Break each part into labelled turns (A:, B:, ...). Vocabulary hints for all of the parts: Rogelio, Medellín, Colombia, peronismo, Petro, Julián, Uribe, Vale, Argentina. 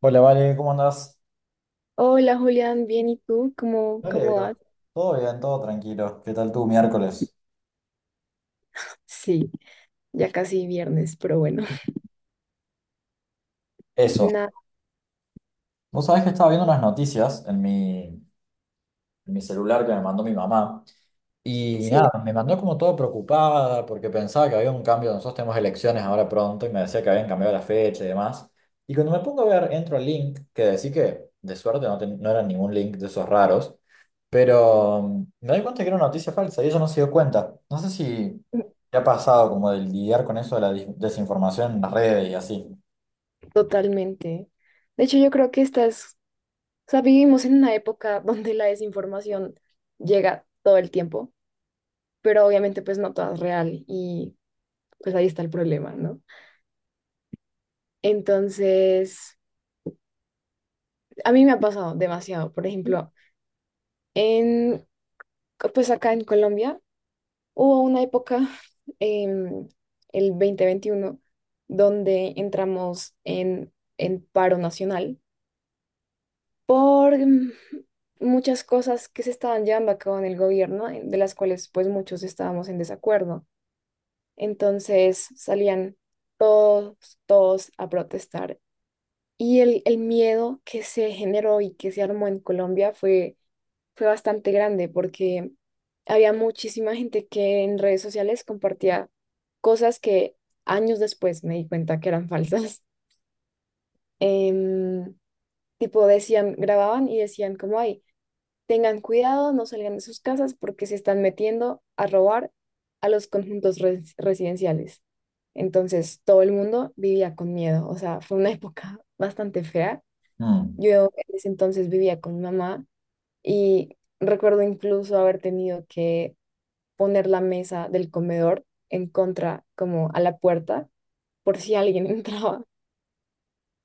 A: Hola, Vale, ¿cómo andás?
B: Hola Julián, bien, ¿y tú? ¿Cómo,
A: Me
B: cómo
A: alegro.
B: vas?
A: Todo bien, todo tranquilo. ¿Qué tal tu miércoles?
B: Sí, ya casi viernes, pero bueno,
A: Eso.
B: nada,
A: Vos sabés que estaba viendo unas noticias en mi celular que me mandó mi mamá. Y
B: sí,
A: nada, me mandó como todo preocupada porque pensaba que había un cambio, nosotros tenemos elecciones ahora pronto y me decía que habían cambiado la fecha y demás. Y cuando me pongo a ver, entro al link, que decí que de suerte no, no era ningún link de esos raros, pero me doy cuenta que era una noticia falsa y ella no se dio cuenta. No sé si te ha pasado como de lidiar con eso de la desinformación en las redes y así.
B: totalmente. De hecho, yo creo que o sea, vivimos en una época donde la desinformación llega todo el tiempo, pero obviamente pues no toda es real y pues ahí está el problema, ¿no? Entonces, a mí me ha pasado demasiado, por ejemplo, en, pues acá en Colombia. Hubo una época, em, el 2021 donde entramos en paro nacional por muchas cosas que se estaban llevando a cabo en el gobierno, de las cuales pues muchos estábamos en desacuerdo. Entonces salían todos, todos a protestar y el miedo que se generó y que se armó en Colombia fue bastante grande porque había muchísima gente que en redes sociales compartía cosas que años después me di cuenta que eran falsas. Em, tipo decían, grababan y decían como, ay, tengan cuidado, no salgan de sus casas porque se están metiendo a robar a los conjuntos residenciales. Entonces todo el mundo vivía con miedo, o sea, fue una época bastante fea.
A: Mm.
B: Yo en ese entonces vivía con mi mamá y recuerdo incluso haber tenido que poner la mesa del comedor en contra, como a la puerta, por si alguien entraba,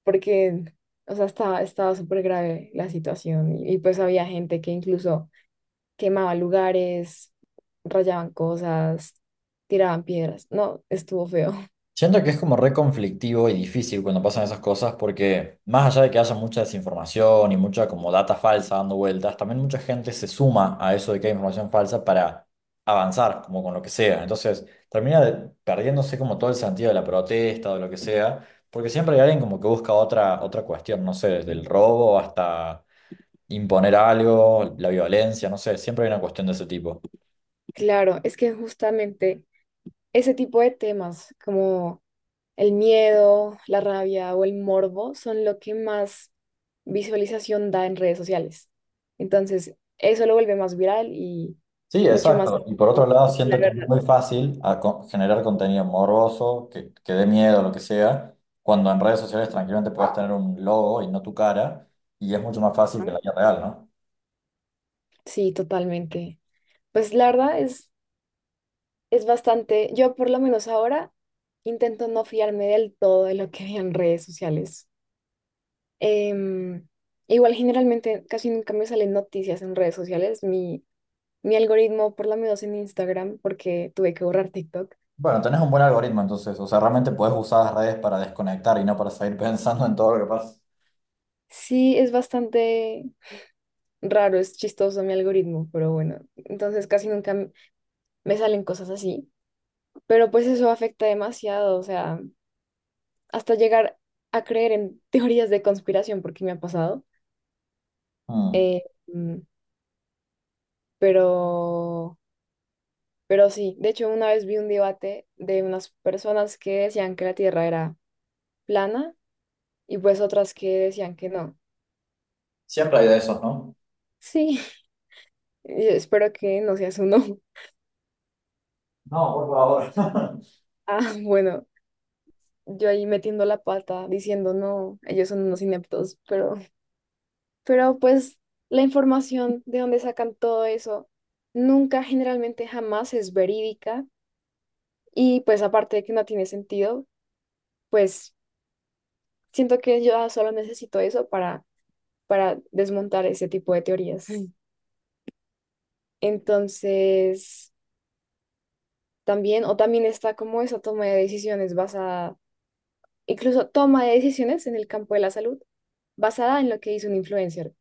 B: porque, o sea, estaba súper grave la situación y pues había gente que incluso quemaba lugares, rayaban cosas, tiraban piedras. No, estuvo feo.
A: Siento que es como re conflictivo y difícil cuando pasan esas cosas porque más allá de que haya mucha desinformación y mucha como data falsa dando vueltas, también mucha gente se suma a eso de que hay información falsa para avanzar como con lo que sea. Entonces termina perdiéndose como todo el sentido de la protesta o de lo que sea, porque siempre hay alguien como que busca otra cuestión, no sé, desde el robo hasta imponer algo, la violencia, no sé, siempre hay una cuestión de ese tipo.
B: Claro, es que justamente ese tipo de temas, como el miedo, la rabia o el morbo son lo que más visualización da en redes sociales. Entonces, eso lo vuelve más viral y
A: Sí,
B: mucho más...
A: exacto. Y por otro lado,
B: La
A: siento que es
B: verdad,
A: muy fácil generar contenido morboso, que dé miedo, lo que sea, cuando en redes sociales tranquilamente puedes tener un logo y no tu cara, y es mucho más fácil
B: ¿no?
A: que la vida real, ¿no?
B: Sí, totalmente. Pues la verdad es bastante, yo por lo menos ahora intento no fiarme del todo de lo que vean en redes sociales. Em, igual generalmente casi nunca me salen noticias en redes sociales. Mi algoritmo, por lo menos en Instagram, porque tuve que borrar TikTok.
A: Bueno, tenés un buen algoritmo entonces, o sea, realmente podés usar las redes para desconectar y no para seguir pensando en todo lo que pasa.
B: Sí, es bastante raro, es chistoso mi algoritmo, pero bueno, entonces casi nunca me salen cosas así, pero pues eso afecta demasiado, o sea, hasta llegar a creer en teorías de conspiración, porque me ha pasado,
A: Mm.
B: eh, mm, pero, pero sí, de hecho una vez vi un debate de unas personas que decían que la Tierra era plana y pues otras que decían que no.
A: Siempre hay de esos, ¿no?
B: Sí, y espero que no seas uno.
A: No, por favor.
B: Ah, bueno. Yo ahí metiendo la pata, diciendo, no, ellos son unos ineptos, pero pues la información de donde sacan todo eso nunca, generalmente jamás es verídica y pues aparte de que no tiene sentido, pues siento que yo solo necesito eso para desmontar ese tipo de teorías. Mm. Entonces, también, o también está como esa toma de decisiones basada, incluso toma de decisiones en el campo de la salud, basada en lo que hizo un influencer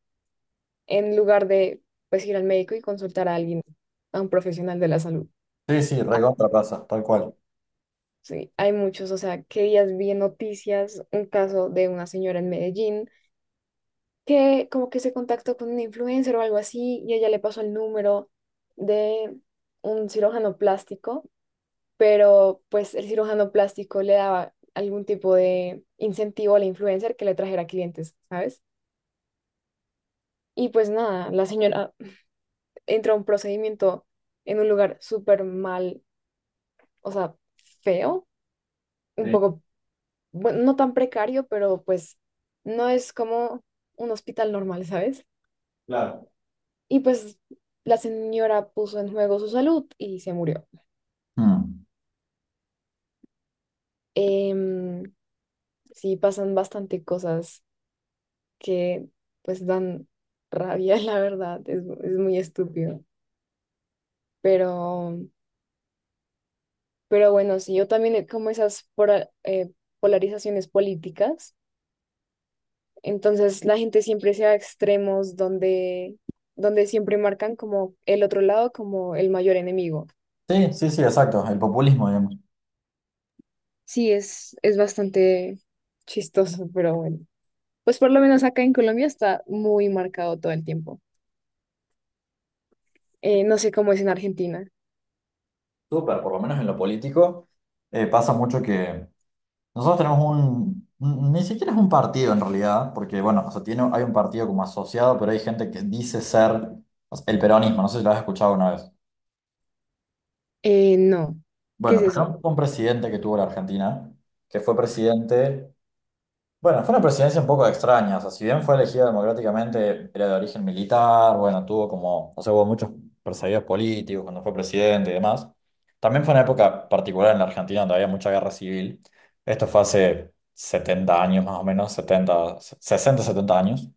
B: en lugar de pues ir al médico y consultar a alguien, a un profesional de la salud.
A: Sí, sí,
B: Ah,
A: recontra pasa, tal cual.
B: sí, hay muchos, o sea, que días vi en noticias un caso de una señora en Medellín que como que se contactó con un influencer o algo así y ella le pasó el número de un cirujano plástico, pero pues el cirujano plástico le daba algún tipo de incentivo al influencer que le trajera clientes, ¿sabes? Y pues nada, la señora entró a un procedimiento en un lugar súper mal, o sea, feo, un
A: Sí,
B: poco, bueno, no tan precario, pero pues no es como un hospital normal, ¿sabes?
A: claro.
B: Y pues la señora puso en juego su salud y se murió.
A: Mm.
B: Em, sí, pasan bastante cosas que pues dan rabia, la verdad, es muy estúpido. Pero, pero bueno, sí, yo también como esas polarizaciones políticas. Entonces la gente siempre se va a extremos donde siempre marcan como el otro lado como el mayor enemigo.
A: Sí, sí, sí, exacto, el populismo, digamos.
B: Sí, es bastante chistoso, pero bueno. Pues por lo menos acá en Colombia está muy marcado todo el tiempo. No sé cómo es en Argentina.
A: Súper, por lo menos en lo político, pasa mucho que nosotros tenemos ni siquiera es un partido en realidad, porque bueno, o sea, tiene, hay un partido como asociado, pero hay gente que dice ser o sea, el peronismo, no sé si lo has escuchado una vez.
B: No. ¿Qué
A: Bueno,
B: es eso?
A: pero fue un presidente que tuvo la Argentina, que fue presidente. Bueno, fue una presidencia un poco extraña, o sea, si bien fue elegida democráticamente, era de origen militar, bueno, tuvo como, o sea, hubo muchos perseguidos políticos cuando fue presidente y demás. También fue una época particular en la Argentina donde había mucha guerra civil. Esto fue hace 70 años más o menos, 70, 60, 70 años.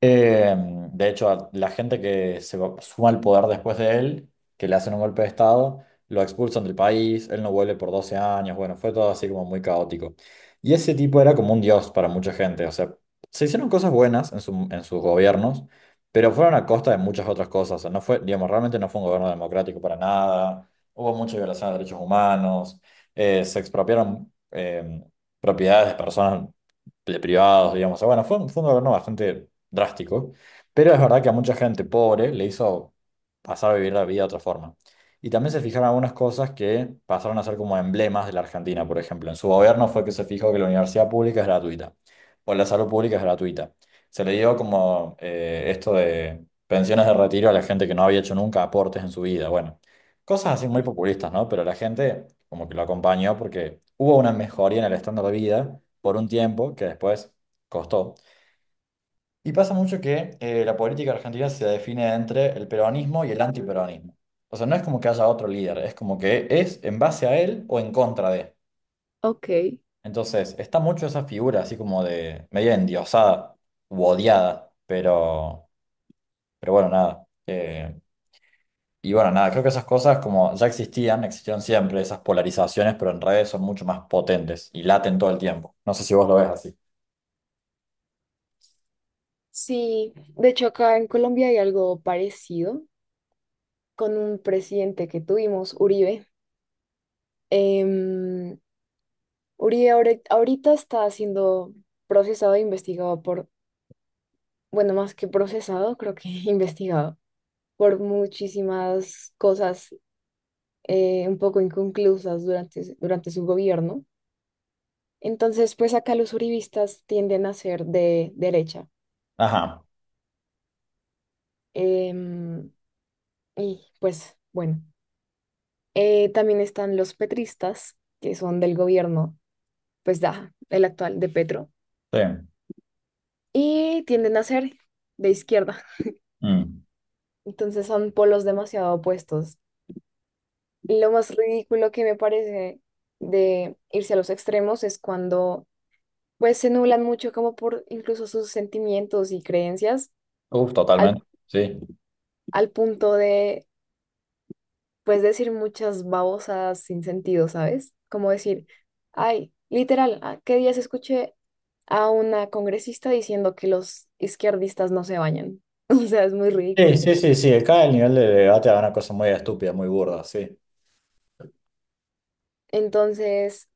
A: Eh, de hecho, a la gente que suma al poder después de él, que le hacen un golpe de estado, lo expulsan del país, él no vuelve por 12 años, bueno, fue todo así como muy caótico. Y ese tipo era como un dios para mucha gente, o sea, se hicieron cosas buenas en sus gobiernos, pero fueron a costa de muchas otras cosas, o sea, no fue, digamos, realmente no fue un gobierno democrático para nada, hubo mucha violación de derechos humanos, se expropiaron propiedades de personas de privados, digamos. O sea, bueno, fue un gobierno bastante drástico, pero es verdad que a mucha gente pobre le hizo pasar a vivir la vida de otra forma. Y también se fijaron algunas cosas que pasaron a ser como emblemas de la Argentina, por ejemplo. En su gobierno fue que se fijó que la universidad pública es gratuita o la salud pública es gratuita. Se le dio como esto de pensiones de retiro a la gente que no había hecho nunca aportes en su vida. Bueno, cosas así muy populistas, ¿no? Pero la gente como que lo acompañó porque hubo una mejoría en el estándar de vida por un tiempo que después costó. Y pasa mucho que la política argentina se define entre el peronismo y el antiperonismo. O sea, no es como que haya otro líder, es como que es en base a él o en contra de.
B: Ok,
A: Entonces, está mucho esa figura así como de media endiosada u odiada, pero bueno, nada. Y bueno, nada, creo que esas cosas como ya existían, existieron siempre, esas polarizaciones, pero en redes son mucho más potentes y laten todo el tiempo. No sé si vos lo ves así.
B: sí, de hecho acá en Colombia hay algo parecido con un presidente que tuvimos, Uribe. Em, ahorita está siendo procesado e investigado por, bueno, más que procesado, creo que investigado por muchísimas cosas, un poco inconclusas durante, durante su gobierno. Entonces, pues acá los uribistas tienden a ser de derecha.
A: Ajá,
B: Em, y pues, bueno, también están los petristas, que son del gobierno, pues, da, el actual de Petro,
A: sí.
B: y tienden a ser de izquierda.
A: Mm.
B: Entonces son polos demasiado opuestos. Lo más ridículo que me parece de irse a los extremos es cuando pues se nublan mucho como por incluso sus sentimientos y creencias
A: Uf,
B: al,
A: totalmente. Sí.
B: al punto de pues decir muchas babosas sin sentido, ¿sabes? Como decir, ay, literal, ¿a ¿qué días escuché a una congresista diciendo que los izquierdistas no se bañan? O sea, es muy
A: Sí,
B: ridículo.
A: sí, sí, sí. Acá el nivel de debate es una cosa muy estúpida, muy burda, sí.
B: Entonces,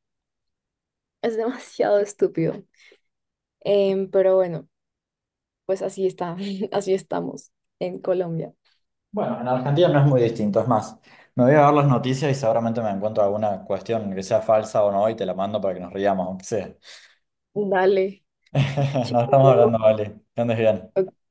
B: es demasiado estúpido. Pero bueno, pues así está, así estamos en Colombia.
A: Bueno, en Argentina no es muy distinto, es más, me voy a ver las noticias y seguramente me encuentro alguna cuestión que sea falsa o no y te la mando para que nos riamos, aunque sea.
B: Dale,
A: Nos estamos
B: chao.
A: hablando, vale. Que andes bien.
B: Ok.